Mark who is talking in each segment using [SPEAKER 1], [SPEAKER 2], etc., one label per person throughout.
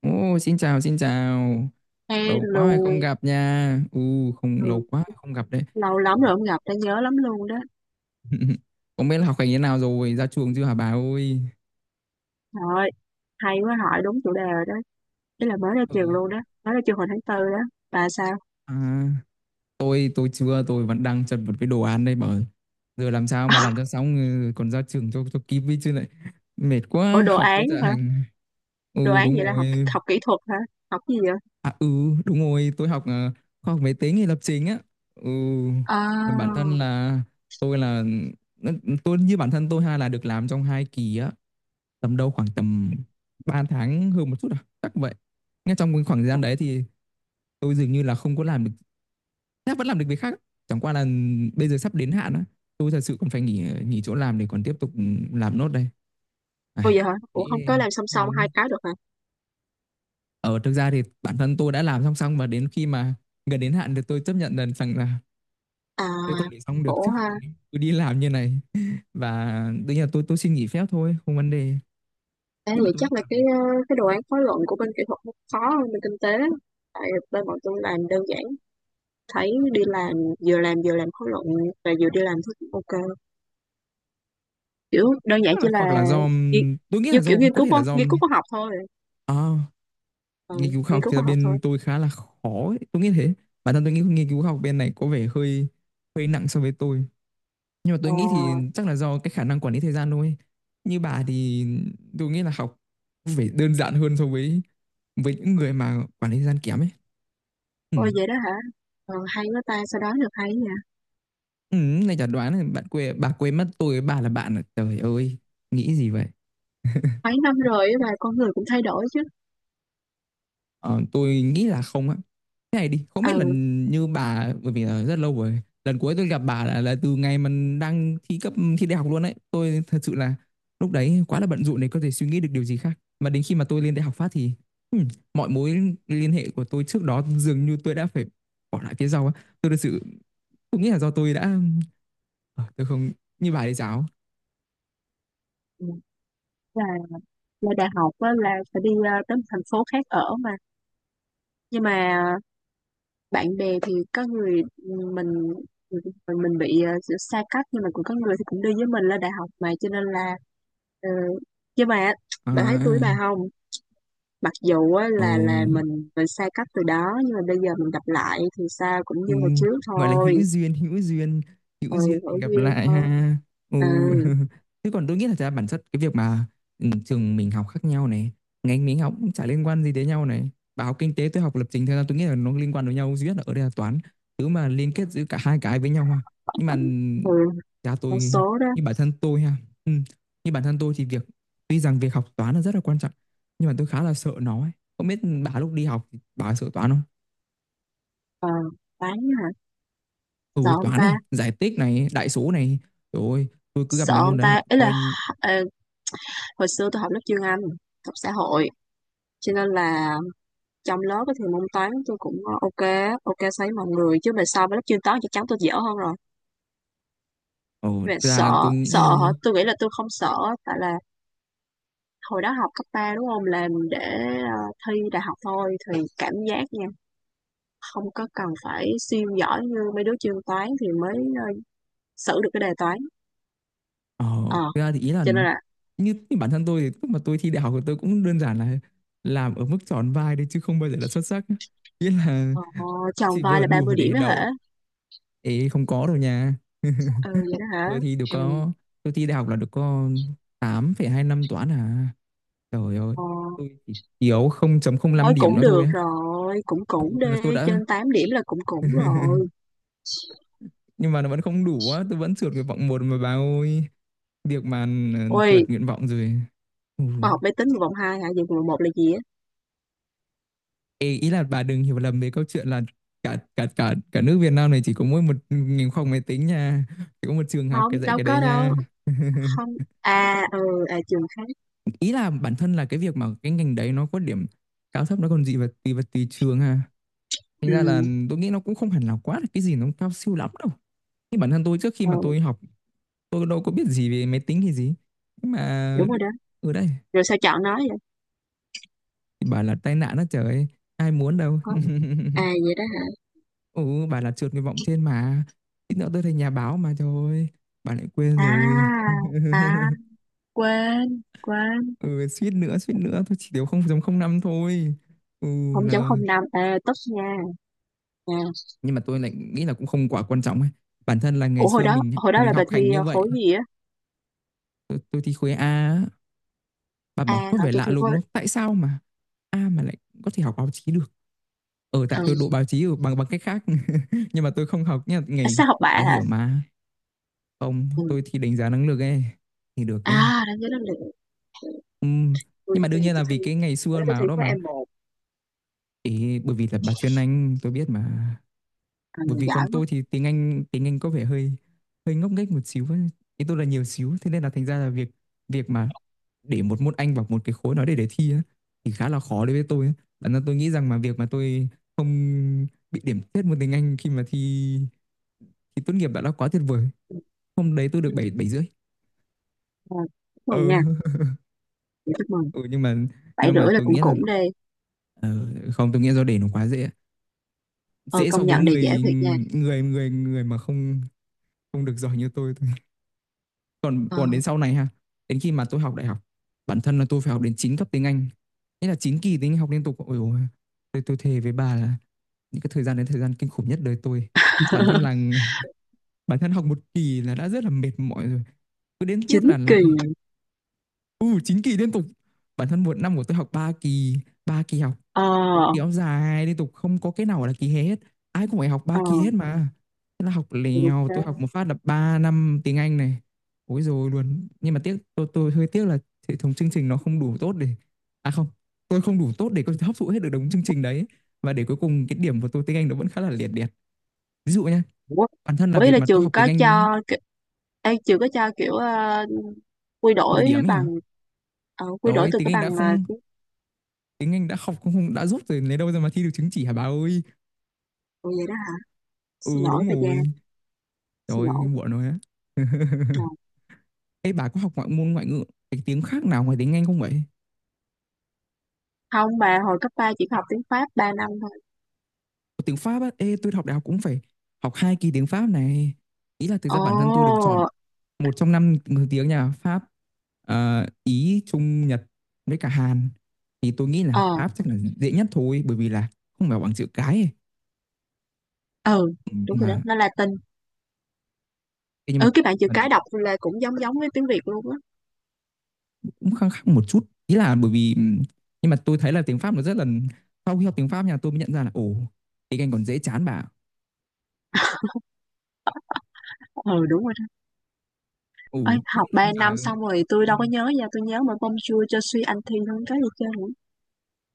[SPEAKER 1] Ồ, xin chào, xin chào. Lâu quá rồi không
[SPEAKER 2] Hello,
[SPEAKER 1] gặp nha. Ừ, không
[SPEAKER 2] ừ.
[SPEAKER 1] lâu quá rồi không gặp đấy.
[SPEAKER 2] Lâu lắm rồi không gặp, đã nhớ lắm luôn đó.
[SPEAKER 1] Không biết là học hành thế nào rồi, ra trường chưa hả bà ơi?
[SPEAKER 2] Trời ơi, hay quá hỏi đúng chủ đề rồi đó. Ý là mới ra
[SPEAKER 1] Ừ.
[SPEAKER 2] trường luôn đó, mới ra trường hồi tháng tư đó. Bà sao?
[SPEAKER 1] À, tôi chưa, tôi vẫn đang chật vật với đồ án đây bà ơi. Giờ làm sao mà làm cho xong còn ra trường cho kịp với chứ lại mệt
[SPEAKER 2] Ủa
[SPEAKER 1] quá
[SPEAKER 2] đồ
[SPEAKER 1] học với
[SPEAKER 2] án
[SPEAKER 1] dạ
[SPEAKER 2] hả?
[SPEAKER 1] hành.
[SPEAKER 2] Đồ
[SPEAKER 1] Ừ
[SPEAKER 2] án
[SPEAKER 1] đúng
[SPEAKER 2] vậy là học
[SPEAKER 1] rồi.
[SPEAKER 2] học kỹ thuật hả? Học cái gì vậy?
[SPEAKER 1] À ừ đúng rồi, tôi học khoa học máy tính thì lập trình á. ừ
[SPEAKER 2] À,
[SPEAKER 1] là bản thân là tôi là tôi, như bản thân tôi hay là được làm trong hai kỳ á, tầm đâu khoảng tầm 3 tháng hơn một chút à chắc vậy. Ngay trong cái khoảng thời gian đấy thì tôi dường như là không có làm được, chắc vẫn làm được việc khác, chẳng qua là bây giờ sắp đến hạn á, tôi thật sự còn phải nghỉ, nghỉ chỗ làm để còn tiếp tục làm nốt đây.
[SPEAKER 2] ủa
[SPEAKER 1] Ai,
[SPEAKER 2] vậy hả? Ủa không
[SPEAKER 1] nghĩ.
[SPEAKER 2] có làm song
[SPEAKER 1] Ừ.
[SPEAKER 2] song hai cái được hả?
[SPEAKER 1] Ở thực ra thì bản thân tôi đã làm song song, và đến khi mà gần đến hạn thì tôi chấp nhận lần rằng là
[SPEAKER 2] À,
[SPEAKER 1] tôi còn để xong được
[SPEAKER 2] khổ
[SPEAKER 1] chứ.
[SPEAKER 2] ha.
[SPEAKER 1] Tôi đi làm như này và đương nhiên là tôi xin nghỉ phép thôi, không vấn đề.
[SPEAKER 2] Thế
[SPEAKER 1] Nhưng mà
[SPEAKER 2] vậy
[SPEAKER 1] tôi nghĩ
[SPEAKER 2] chắc là
[SPEAKER 1] là
[SPEAKER 2] cái đồ án khóa luận của bên kỹ thuật nó khó hơn bên kinh tế. Tại bên bọn tôi làm đơn giản, thấy đi làm vừa làm vừa làm khóa luận và vừa đi làm thấy cũng ok. Kiểu đơn giản
[SPEAKER 1] chắc là
[SPEAKER 2] chỉ
[SPEAKER 1] hoặc
[SPEAKER 2] là
[SPEAKER 1] là do,
[SPEAKER 2] nghi-
[SPEAKER 1] tôi nghĩ
[SPEAKER 2] như
[SPEAKER 1] là do
[SPEAKER 2] kiểu
[SPEAKER 1] có thể là do,
[SPEAKER 2] nghiên cứu khoa học thôi.
[SPEAKER 1] à, nghiên
[SPEAKER 2] ừ,
[SPEAKER 1] cứu khoa
[SPEAKER 2] Nghiên
[SPEAKER 1] học
[SPEAKER 2] cứu
[SPEAKER 1] thì là
[SPEAKER 2] khoa học thôi.
[SPEAKER 1] bên tôi khá là khó ấy. Tôi nghĩ thế, bản thân tôi nghĩ nghiên cứu khoa học bên này có vẻ hơi hơi nặng so với tôi. Nhưng mà tôi
[SPEAKER 2] ờ,
[SPEAKER 1] nghĩ thì chắc là do cái khả năng quản lý thời gian thôi, như bà thì tôi nghĩ là học phải đơn giản hơn so với những người mà quản lý thời gian kém ấy. Ừ.
[SPEAKER 2] Ôi vậy đó hả. Hay quá ta sao đó được hay nha.
[SPEAKER 1] Này chả đoán là bạn quên, bà quên mất tôi với bà là bạn à. Trời ơi, nghĩ gì vậy?
[SPEAKER 2] Mấy năm rồi á mà con người cũng thay đổi chứ.
[SPEAKER 1] Ờ, tôi nghĩ là không á. Thế này đi, không biết là
[SPEAKER 2] Ừ,
[SPEAKER 1] như bà, bởi vì là rất lâu rồi. Lần cuối tôi gặp bà là từ ngày mình đang thi cấp, thi đại học luôn đấy. Tôi thật sự là lúc đấy quá là bận rộn để có thể suy nghĩ được điều gì khác. Mà đến khi mà tôi lên đại học phát thì ừm, mọi mối liên hệ của tôi trước đó dường như tôi đã phải bỏ lại phía sau á. Tôi thật sự tôi nghĩ là do tôi đã, tôi không như bà đấy giáo.
[SPEAKER 2] ừ. là là đại học á, là phải đi tới một thành phố khác ở mà. Nhưng mà bạn bè thì có người mình bị xa cách nhưng mà cũng có người thì cũng đi với mình lên đại học mà cho nên là ờ, nhưng mà
[SPEAKER 1] À,
[SPEAKER 2] bạn thấy tôi với bà không, mặc dù á,
[SPEAKER 1] ừ,
[SPEAKER 2] là mình xa cách từ đó nhưng mà bây giờ mình gặp lại thì sao cũng
[SPEAKER 1] ừ,
[SPEAKER 2] như hồi trước
[SPEAKER 1] gọi là
[SPEAKER 2] thôi.
[SPEAKER 1] hữu duyên, hữu duyên, hữu
[SPEAKER 2] Ừ,
[SPEAKER 1] duyên
[SPEAKER 2] ngẫu
[SPEAKER 1] mình gặp
[SPEAKER 2] nhiên
[SPEAKER 1] lại
[SPEAKER 2] thôi.
[SPEAKER 1] ha. Ừ.
[SPEAKER 2] Ừ,
[SPEAKER 1] Thế còn tôi nghĩ là thật ra bản chất cái việc mà, ừ, trường mình học khác nhau này, ngành mình học cũng chả liên quan gì tới nhau này, bà học kinh tế tôi học lập trình, thật ra tôi nghĩ là nó liên quan với nhau duy nhất là ở đây là toán, thứ mà liên kết giữa cả hai cái với nhau ha. Nhưng mà
[SPEAKER 2] ừ,
[SPEAKER 1] cha
[SPEAKER 2] một
[SPEAKER 1] tôi,
[SPEAKER 2] số đó.
[SPEAKER 1] như bản thân tôi ha. Ừ. Như bản thân tôi thì việc, tuy rằng việc học toán là rất là quan trọng, nhưng mà tôi khá là sợ nó ấy. Không biết bà lúc đi học thì bà sợ toán không?
[SPEAKER 2] ờ bán hả.
[SPEAKER 1] Ừ
[SPEAKER 2] sợ ông
[SPEAKER 1] toán
[SPEAKER 2] ta
[SPEAKER 1] này, giải tích này, đại số này, rồi tôi cứ gặp
[SPEAKER 2] Sợ
[SPEAKER 1] mấy môn
[SPEAKER 2] ông
[SPEAKER 1] đấy là
[SPEAKER 2] ta ý là
[SPEAKER 1] coi.
[SPEAKER 2] ờ, hồi xưa tôi học lớp chuyên Anh, học xã hội, cho nên là trong lớp á thì môn toán tôi cũng ok. Ok so với mọi người, chứ mà so với lớp chuyên toán chắc chắn tôi dở hơn rồi.
[SPEAKER 1] Ờ
[SPEAKER 2] Về
[SPEAKER 1] Thực
[SPEAKER 2] sợ,
[SPEAKER 1] ra tôi
[SPEAKER 2] sợ hả,
[SPEAKER 1] nghĩ,
[SPEAKER 2] tôi nghĩ là tôi không sợ. Tại là hồi đó học cấp 3 đúng không, làm để thi đại học thôi thì cảm giác nha, không có cần phải siêu giỏi như mấy đứa chuyên toán thì mới ờ, xử được cái đề toán.
[SPEAKER 1] ờ
[SPEAKER 2] ờ
[SPEAKER 1] thực ra thì ý là
[SPEAKER 2] cho nên là
[SPEAKER 1] như bản thân tôi thì lúc mà tôi thi đại học thì tôi cũng đơn giản là làm ở mức tròn vai đấy chứ không bao giờ là xuất sắc. Nghĩa là
[SPEAKER 2] ờ,
[SPEAKER 1] tôi
[SPEAKER 2] tròn
[SPEAKER 1] chỉ
[SPEAKER 2] vai
[SPEAKER 1] vừa
[SPEAKER 2] là ba
[SPEAKER 1] đủ
[SPEAKER 2] mươi điểm
[SPEAKER 1] để
[SPEAKER 2] đó
[SPEAKER 1] đậu
[SPEAKER 2] hả.
[SPEAKER 1] ấy, không có đâu nha.
[SPEAKER 2] Ừ vậy đó hả.
[SPEAKER 1] Tôi thi được
[SPEAKER 2] Ừ,
[SPEAKER 1] có, tôi thi đại học là được có tám phẩy hai năm toán à, trời ơi.
[SPEAKER 2] ờ,
[SPEAKER 1] Tôi chỉ thiếu không chấm không năm
[SPEAKER 2] thôi
[SPEAKER 1] điểm
[SPEAKER 2] cũng
[SPEAKER 1] nữa thôi
[SPEAKER 2] được
[SPEAKER 1] á.
[SPEAKER 2] rồi, cũng
[SPEAKER 1] Ừ,
[SPEAKER 2] cũng
[SPEAKER 1] là tôi
[SPEAKER 2] đi trên
[SPEAKER 1] đã,
[SPEAKER 2] 8 điểm là cũng cũng rồi.
[SPEAKER 1] nhưng mà nó vẫn không đủ á, tôi vẫn trượt nguyện vọng một mà bà ơi. Việc mà, ờ,
[SPEAKER 2] Ôi
[SPEAKER 1] trượt nguyện vọng rồi. Ừ.
[SPEAKER 2] khoa học máy tính một vòng hai hả, vậy vòng một là gì á.
[SPEAKER 1] Ê, ý là bà đừng hiểu lầm về câu chuyện là cả cả cả cả nước Việt Nam này chỉ có mỗi một ngành khoa học máy tính nha, chỉ có một trường học
[SPEAKER 2] Không
[SPEAKER 1] cái dạy
[SPEAKER 2] đâu
[SPEAKER 1] cái đấy
[SPEAKER 2] có đâu.
[SPEAKER 1] nha.
[SPEAKER 2] Không. À, ừ. À, trường khác.
[SPEAKER 1] Ý là bản thân là cái việc mà cái ngành đấy nó có điểm cao thấp nó còn gì, và tùy trường ha, thành
[SPEAKER 2] Ừ,
[SPEAKER 1] ra là tôi nghĩ nó cũng không hẳn là quá là cái gì nó cao siêu lắm đâu. Như bản thân tôi trước khi mà
[SPEAKER 2] ừ
[SPEAKER 1] tôi học, tôi đâu có biết gì về máy tính hay gì, nhưng mà
[SPEAKER 2] đúng rồi đó.
[SPEAKER 1] ở đây.
[SPEAKER 2] Rồi sao chọn nó vậy.
[SPEAKER 1] Bảo là tai nạn đó trời, ai muốn đâu.
[SPEAKER 2] Ờ, à vậy đó hả.
[SPEAKER 1] Ừ, bà là trượt nguyện vọng trên mà. Ít nữa tôi thành nhà báo mà trời ơi, bà lại quên rồi.
[SPEAKER 2] À, à, quên quên.
[SPEAKER 1] Ừ, suýt nữa, tôi chỉ thiếu không chấm không năm thôi. Ừ
[SPEAKER 2] không chấm
[SPEAKER 1] là,
[SPEAKER 2] không năm à, tốt nha. À,
[SPEAKER 1] nhưng mà tôi lại nghĩ là cũng không quá quan trọng ấy. Bản thân là ngày
[SPEAKER 2] ủa, hồi
[SPEAKER 1] xưa
[SPEAKER 2] đó hồi đó
[SPEAKER 1] mình
[SPEAKER 2] là bà
[SPEAKER 1] học
[SPEAKER 2] thi
[SPEAKER 1] hành như vậy,
[SPEAKER 2] khối gì á.
[SPEAKER 1] tôi thi khối A, á. Bà
[SPEAKER 2] À
[SPEAKER 1] bảo có
[SPEAKER 2] hả,
[SPEAKER 1] vẻ
[SPEAKER 2] tôi
[SPEAKER 1] lạ
[SPEAKER 2] thi
[SPEAKER 1] lùng
[SPEAKER 2] khối.
[SPEAKER 1] đúng không? Tại sao mà A mà lại có thể học báo chí được? Ờ tại
[SPEAKER 2] ừ
[SPEAKER 1] tôi đỗ báo chí ở bằng bằng cách khác. Nhưng mà tôi không học nha
[SPEAKER 2] À,
[SPEAKER 1] ngày,
[SPEAKER 2] sao học
[SPEAKER 1] bà
[SPEAKER 2] bạ hả.
[SPEAKER 1] hiểu mà. Không,
[SPEAKER 2] Ừ.
[SPEAKER 1] tôi thi đánh giá năng lực ấy thì được ấy.
[SPEAKER 2] À, đáng nhớ lắm liền.
[SPEAKER 1] Ừm,
[SPEAKER 2] tôi
[SPEAKER 1] Nhưng mà đương
[SPEAKER 2] tôi
[SPEAKER 1] nhiên là
[SPEAKER 2] tôi thi
[SPEAKER 1] vì cái ngày
[SPEAKER 2] hồi
[SPEAKER 1] xưa
[SPEAKER 2] đó tôi
[SPEAKER 1] mà
[SPEAKER 2] thi
[SPEAKER 1] đó
[SPEAKER 2] khối
[SPEAKER 1] mà
[SPEAKER 2] M1.
[SPEAKER 1] ý, bởi vì là bà chuyên Anh tôi biết mà.
[SPEAKER 2] À,
[SPEAKER 1] Bởi vì
[SPEAKER 2] giỏi
[SPEAKER 1] còn
[SPEAKER 2] quá.
[SPEAKER 1] tôi thì tiếng Anh có vẻ hơi hơi ngốc nghếch một xíu ấy. Ý tôi là nhiều xíu, thế nên là thành ra là việc, việc mà để một môn Anh vào một cái khối đó để thi á thì khá là khó đối với tôi ấy. Bản thân tôi nghĩ rằng mà việc mà tôi không bị điểm thấp môn tiếng Anh khi mà thi thi tốt nghiệp đã là quá tuyệt vời. Hôm đấy tôi được 7
[SPEAKER 2] Ừ.
[SPEAKER 1] 7 rưỡi.
[SPEAKER 2] À, chúc
[SPEAKER 1] Ờ.
[SPEAKER 2] mừng nha. Dạ, chúc mừng.
[SPEAKER 1] Ừ, nhưng mà
[SPEAKER 2] Bảy
[SPEAKER 1] nhưng mà
[SPEAKER 2] rưỡi là
[SPEAKER 1] tôi
[SPEAKER 2] cũng
[SPEAKER 1] nghĩ là,
[SPEAKER 2] cũng đi.
[SPEAKER 1] ờ, không tôi nghĩ do để nó quá dễ
[SPEAKER 2] Ờ
[SPEAKER 1] dễ so
[SPEAKER 2] Công
[SPEAKER 1] với
[SPEAKER 2] nhận đề dễ
[SPEAKER 1] người
[SPEAKER 2] thiệt nha.
[SPEAKER 1] người người người mà không không được giỏi như tôi thôi. Còn
[SPEAKER 2] Ờ.
[SPEAKER 1] còn đến sau này ha, đến khi mà tôi học đại học, bản thân là tôi phải học đến 9 cấp tiếng Anh, nghĩa là 9 kỳ tiếng Anh học liên tục, ôi ôi, tôi thề với bà là những cái thời gian đấy thời gian kinh khủng nhất đời tôi. Bản thân là bản thân học một kỳ là đã rất là mệt mỏi rồi, cứ đến
[SPEAKER 2] chín
[SPEAKER 1] tiết là
[SPEAKER 2] kỳ
[SPEAKER 1] lại. Ừ, 9 kỳ liên tục, bản thân một năm của tôi học 3 kỳ, 3 kỳ học
[SPEAKER 2] ờ
[SPEAKER 1] kiểu dài liên tục, không có cái nào gọi là kỳ hè hết, ai cũng phải học ba
[SPEAKER 2] ờ
[SPEAKER 1] kỳ hết mà. Thế là học
[SPEAKER 2] Được
[SPEAKER 1] lèo,
[SPEAKER 2] thế.
[SPEAKER 1] tôi học một phát là 3 năm tiếng Anh này. Ối rồi luôn, nhưng mà tiếc, tôi hơi tiếc là hệ thống chương trình nó không đủ tốt để, à không, tôi không đủ tốt để có thể hấp thụ hết được đống chương trình đấy. Và để cuối cùng cái điểm của tôi tiếng Anh nó vẫn khá là liệt liệt. Ví dụ nha,
[SPEAKER 2] Ủa,
[SPEAKER 1] bản thân là
[SPEAKER 2] Ủa, ý
[SPEAKER 1] việc
[SPEAKER 2] là
[SPEAKER 1] mà tôi
[SPEAKER 2] trường
[SPEAKER 1] học tiếng
[SPEAKER 2] có
[SPEAKER 1] Anh.
[SPEAKER 2] cho ki- ê, trường có cho kiểu quy
[SPEAKER 1] Đổi
[SPEAKER 2] đổi
[SPEAKER 1] điểm ấy
[SPEAKER 2] bằng.
[SPEAKER 1] hả?
[SPEAKER 2] Quy
[SPEAKER 1] Trời
[SPEAKER 2] đổi
[SPEAKER 1] ơi
[SPEAKER 2] từ
[SPEAKER 1] tiếng
[SPEAKER 2] cái
[SPEAKER 1] Anh đã
[SPEAKER 2] bằng.
[SPEAKER 1] không,
[SPEAKER 2] Tiếng
[SPEAKER 1] tiếng Anh đã học không, không đã giúp rồi lấy đâu ra mà thi được chứng chỉ hả bà ơi.
[SPEAKER 2] Ủa vậy đó hả?
[SPEAKER 1] Ừ
[SPEAKER 2] Xin lỗi
[SPEAKER 1] đúng
[SPEAKER 2] bà Giang,
[SPEAKER 1] rồi, trời
[SPEAKER 2] xin
[SPEAKER 1] ơi
[SPEAKER 2] lỗi.
[SPEAKER 1] muộn rồi á.
[SPEAKER 2] Ờ.
[SPEAKER 1] Ê bà có học ngoại môn, ngoại ngữ cái tiếng khác nào ngoài tiếng Anh không vậy?
[SPEAKER 2] Không, bà hồi cấp 3 chỉ học tiếng Pháp 3 năm thôi.
[SPEAKER 1] Có. Tiếng Pháp á, ê tôi học đại học cũng phải học hai kỳ tiếng Pháp này. Ý là thực
[SPEAKER 2] Ồ.
[SPEAKER 1] ra bản thân tôi được chọn một trong năm thứ tiếng nhà Pháp, Ý, Trung, Nhật với cả Hàn. Thì tôi nghĩ là
[SPEAKER 2] ờ,
[SPEAKER 1] Pháp chắc là dễ nhất thôi, bởi vì là không phải bằng chữ cái ấy.
[SPEAKER 2] ừ,
[SPEAKER 1] Ừ,
[SPEAKER 2] đúng
[SPEAKER 1] nhưng
[SPEAKER 2] rồi đó,
[SPEAKER 1] mà
[SPEAKER 2] nó Latin.
[SPEAKER 1] ê, nhưng mà
[SPEAKER 2] Ừ, cái bạn chữ
[SPEAKER 1] mình
[SPEAKER 2] cái đọc là cũng giống giống với tiếng Việt luôn á.
[SPEAKER 1] cũng khăng khăng một chút. Ý là bởi vì nhưng mà tôi thấy là tiếng Pháp nó rất là, sau khi học tiếng Pháp nhà tôi mới nhận ra là ồ, tiếng Anh còn dễ chán bà.
[SPEAKER 2] Ừ, đúng rồi đó.
[SPEAKER 1] Ồ,
[SPEAKER 2] Ê,
[SPEAKER 1] không biết
[SPEAKER 2] học
[SPEAKER 1] là
[SPEAKER 2] 3 năm
[SPEAKER 1] bà.
[SPEAKER 2] xong rồi tôi đâu có nhớ nha, tôi nhớ mà bonjour cho suy anh thi không có gì chơi nữa.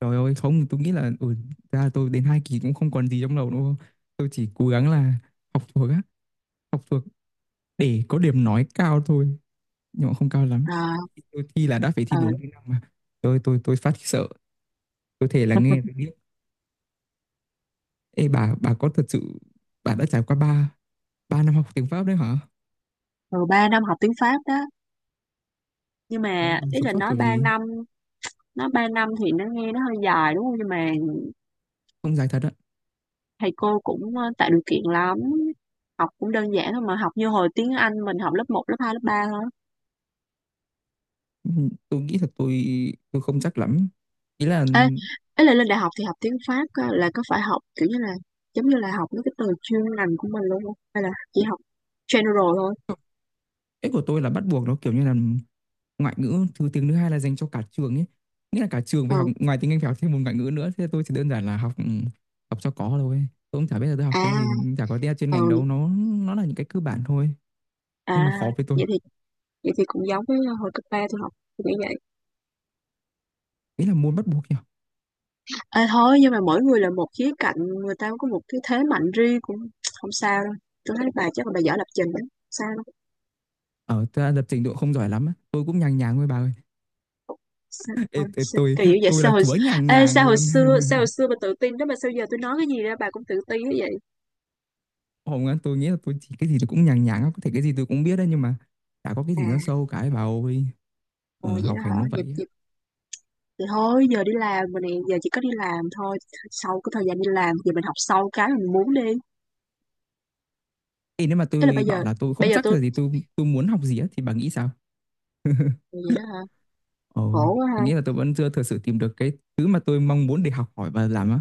[SPEAKER 1] Trời ơi không tôi nghĩ là ra là tôi đến 2 kỳ cũng không còn gì trong đầu đâu, tôi chỉ cố gắng là học thuộc á, học thuộc để có điểm nói cao thôi, nhưng mà không cao lắm.
[SPEAKER 2] À.
[SPEAKER 1] Tôi thi là đã phải
[SPEAKER 2] ờ,
[SPEAKER 1] thi 4 kỹ năng mà, tôi phát sợ, tôi thể là nghe tôi biết. Ê bà có thật sự bà đã trải qua ba 3 năm học tiếng Pháp đấy hả?
[SPEAKER 2] Rồi 3 năm học tiếng Pháp đó, nhưng
[SPEAKER 1] Đó,
[SPEAKER 2] mà
[SPEAKER 1] bà
[SPEAKER 2] ý
[SPEAKER 1] sống
[SPEAKER 2] là
[SPEAKER 1] sót kiểu gì?
[SPEAKER 2] nói 3 năm thì nó nghe nó hơi dài đúng không, nhưng mà
[SPEAKER 1] Không dài thật á.
[SPEAKER 2] thầy cô cũng tạo điều kiện lắm, học cũng đơn giản thôi mà, học như hồi tiếng Anh mình học lớp một lớp 2 lớp ba thôi.
[SPEAKER 1] Ừ, tôi nghĩ thật tôi không chắc lắm, ý là.
[SPEAKER 2] Ê, ấy là lên đại học thì học tiếng Pháp á, là có phải học kiểu như là giống như là học mấy cái từ chuyên ngành của mình luôn không hay là chỉ học general thôi.
[SPEAKER 1] Cái của tôi là bắt buộc, nó kiểu như là ngoại ngữ thứ, tiếng thứ hai là dành cho cả trường ấy. Nghĩa là cả trường phải
[SPEAKER 2] ờ
[SPEAKER 1] học ngoài tiếng Anh phải học thêm một ngoại ngữ nữa. Thế tôi chỉ đơn giản là học, học cho có thôi. Tôi cũng chả biết là tôi học cái
[SPEAKER 2] à
[SPEAKER 1] gì, chả có tiếng chuyên
[SPEAKER 2] ờ
[SPEAKER 1] ngành đâu, nó là những cái cơ bản thôi.
[SPEAKER 2] À,
[SPEAKER 1] Nhưng mà khó với tôi.
[SPEAKER 2] vậy thì vậy thì cũng giống với hồi cấp ba tôi học, tôi nghĩ.
[SPEAKER 1] Ý là môn bắt buộc nhỉ.
[SPEAKER 2] Ê, thôi nhưng mà mỗi người là một khía cạnh, người ta có một cái thế mạnh riêng cũng không sao đâu. Tôi thấy bà chắc là bà giỏi lập trình đó. Sao
[SPEAKER 1] Ở ta lập trình độ không giỏi lắm á. Tôi cũng nhàng nhàng thôi bà ơi.
[SPEAKER 2] đâu, sao,
[SPEAKER 1] Ê, ê,
[SPEAKER 2] sao
[SPEAKER 1] tôi
[SPEAKER 2] kỳ dữ vậy,
[SPEAKER 1] tôi là chúa nhàng
[SPEAKER 2] ê,
[SPEAKER 1] nhàng luôn.
[SPEAKER 2] sao hồi xưa bà tự tin đó mà sao giờ tôi nói cái gì ra bà cũng tự tin thế vậy.
[SPEAKER 1] Không á, tôi nghĩ là tôi chỉ cái gì tôi cũng nhàng nhàng á, có thể cái gì tôi cũng biết đấy nhưng mà chả có cái gì
[SPEAKER 2] À,
[SPEAKER 1] nó sâu cái bà ơi.
[SPEAKER 2] ồ,
[SPEAKER 1] Ờ,
[SPEAKER 2] vậy
[SPEAKER 1] học
[SPEAKER 2] đó hả,
[SPEAKER 1] hành nó vậy
[SPEAKER 2] vậy,
[SPEAKER 1] á.
[SPEAKER 2] vậy, thì thôi giờ đi làm mà nè, giờ chỉ có đi làm thôi, sau cái thời gian đi làm thì mình học sâu cái mình muốn đi.
[SPEAKER 1] Ê, nếu mà
[SPEAKER 2] Tức là
[SPEAKER 1] tôi
[SPEAKER 2] bây
[SPEAKER 1] bảo
[SPEAKER 2] giờ,
[SPEAKER 1] là tôi không
[SPEAKER 2] bây giờ
[SPEAKER 1] chắc là
[SPEAKER 2] tôi
[SPEAKER 1] gì tôi muốn học gì á thì bà nghĩ sao?
[SPEAKER 2] vậy đó hả.
[SPEAKER 1] Ồ,
[SPEAKER 2] Khổ quá ha.
[SPEAKER 1] tôi nghĩ là tôi vẫn chưa thực sự tìm được cái thứ mà tôi mong muốn để học hỏi và làm á.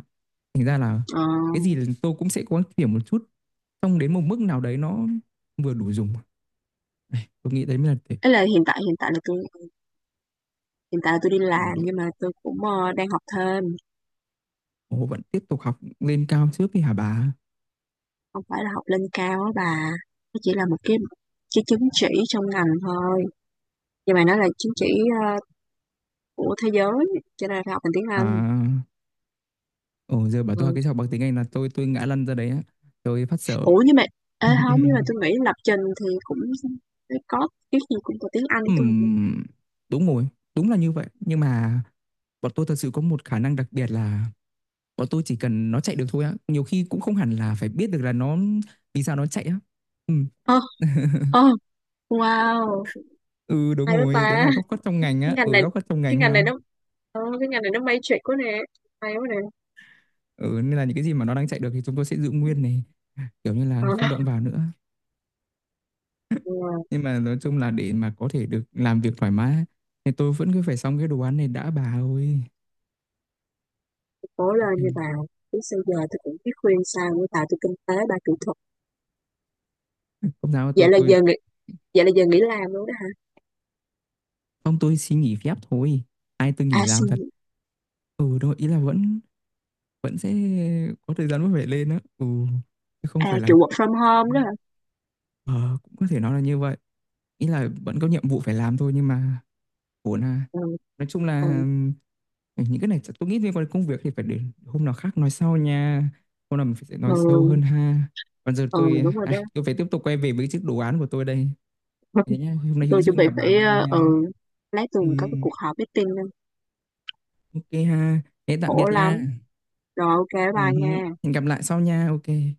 [SPEAKER 1] Thành ra là
[SPEAKER 2] Ờ,
[SPEAKER 1] cái gì là tôi cũng sẽ cố gắng tìm một chút, xong đến một mức nào đấy nó vừa đủ dùng. Này, tôi nghĩ đấy mới là để
[SPEAKER 2] ấy là hiện tại, hiện tại là tôi hiện tại tôi đi
[SPEAKER 1] đủ
[SPEAKER 2] làm
[SPEAKER 1] đủ.
[SPEAKER 2] nhưng mà tôi cũng đang học thêm,
[SPEAKER 1] Ồ, vẫn tiếp tục học lên cao trước đi hả bà?
[SPEAKER 2] không phải là học lên cao á bà. Nó chỉ là một cái chứng chỉ trong ngành thôi. Nhưng mà nó là chứng chỉ ờ, của thế giới cho nên phải học bằng tiếng
[SPEAKER 1] À,
[SPEAKER 2] Anh.
[SPEAKER 1] ồ giờ bảo tôi học
[SPEAKER 2] Ừ.
[SPEAKER 1] cái học bằng tiếng Anh là tôi ngã lăn ra đấy á. Tôi phát sợ.
[SPEAKER 2] Ủa, nhưng mà ê, không, nhưng mà tôi nghĩ lập trình thì cũng có cái gì cũng có tiếng Anh tôi.
[SPEAKER 1] Ừm, đúng rồi, đúng là như vậy. Nhưng mà bọn tôi thật sự có một khả năng đặc biệt là bọn tôi chỉ cần nó chạy được thôi á, nhiều khi cũng không hẳn là phải biết được là nó vì sao nó chạy á. Ừm.
[SPEAKER 2] Ờ. Ờ, wow,
[SPEAKER 1] Ừ, đúng
[SPEAKER 2] hay quá
[SPEAKER 1] rồi, đấy
[SPEAKER 2] ta.
[SPEAKER 1] là góc khuất trong ngành á,
[SPEAKER 2] Cái ngành này
[SPEAKER 1] góc khuất trong
[SPEAKER 2] cái
[SPEAKER 1] ngành
[SPEAKER 2] ngành
[SPEAKER 1] ha.
[SPEAKER 2] này nó cái ngành này nó matrix quá nè. Hay quá nè.
[SPEAKER 1] Ừ, nên là những cái gì mà nó đang chạy được thì chúng tôi sẽ giữ nguyên này, kiểu như
[SPEAKER 2] Ờ.
[SPEAKER 1] là không động vào nữa.
[SPEAKER 2] Ừ.
[SPEAKER 1] Nhưng mà nói chung là để mà có thể được làm việc thoải mái á, thì tôi vẫn cứ phải xong cái đồ án này đã bà ơi.
[SPEAKER 2] Cố lên như bà. Chứ sao giờ tôi cũng biết khuyên sao với bà, tôi kinh tế bà kỹ thuật.
[SPEAKER 1] Không sao tôi,
[SPEAKER 2] vậy là giờ nghỉ Vậy là giờ nghỉ làm luôn đó hả.
[SPEAKER 1] không tôi xin nghỉ phép thôi. Ai tôi
[SPEAKER 2] À
[SPEAKER 1] nghỉ làm
[SPEAKER 2] xin.
[SPEAKER 1] thật. Ừ, đúng rồi, ý là vẫn, sẽ có thời gian vẫn phải lên á, ừ, chứ không
[SPEAKER 2] À
[SPEAKER 1] phải là
[SPEAKER 2] kiểu work from home đó hả.
[SPEAKER 1] ờ, cũng có thể nói là như vậy, ý là vẫn có nhiệm vụ phải làm thôi nhưng mà ổn à,
[SPEAKER 2] Ừ.
[SPEAKER 1] nói chung
[SPEAKER 2] Ừ.
[SPEAKER 1] là ừ, những cái này chắc tôi nghĩ liên quan đến công việc thì phải để hôm nào khác nói sau nha, hôm nào mình sẽ
[SPEAKER 2] Ừ,
[SPEAKER 1] nói sâu hơn ha. Còn giờ
[SPEAKER 2] ừ
[SPEAKER 1] tôi
[SPEAKER 2] đúng rồi đó.
[SPEAKER 1] ai, tôi phải tiếp tục quay về với chiếc đồ án của tôi đây. Thế nhá, hôm nay hữu
[SPEAKER 2] Tôi chuẩn
[SPEAKER 1] duyên
[SPEAKER 2] bị
[SPEAKER 1] gặp bà
[SPEAKER 2] phải
[SPEAKER 1] vui nha.
[SPEAKER 2] lát tuần
[SPEAKER 1] Ừ,
[SPEAKER 2] có cái cuộc họp meeting nữa.
[SPEAKER 1] ok ha, thế tạm
[SPEAKER 2] Khổ
[SPEAKER 1] biệt
[SPEAKER 2] lắm
[SPEAKER 1] nha.
[SPEAKER 2] rồi ok
[SPEAKER 1] Ừ,
[SPEAKER 2] bye
[SPEAKER 1] hử.
[SPEAKER 2] nha.
[SPEAKER 1] Hẹn gặp lại sau nha, ok.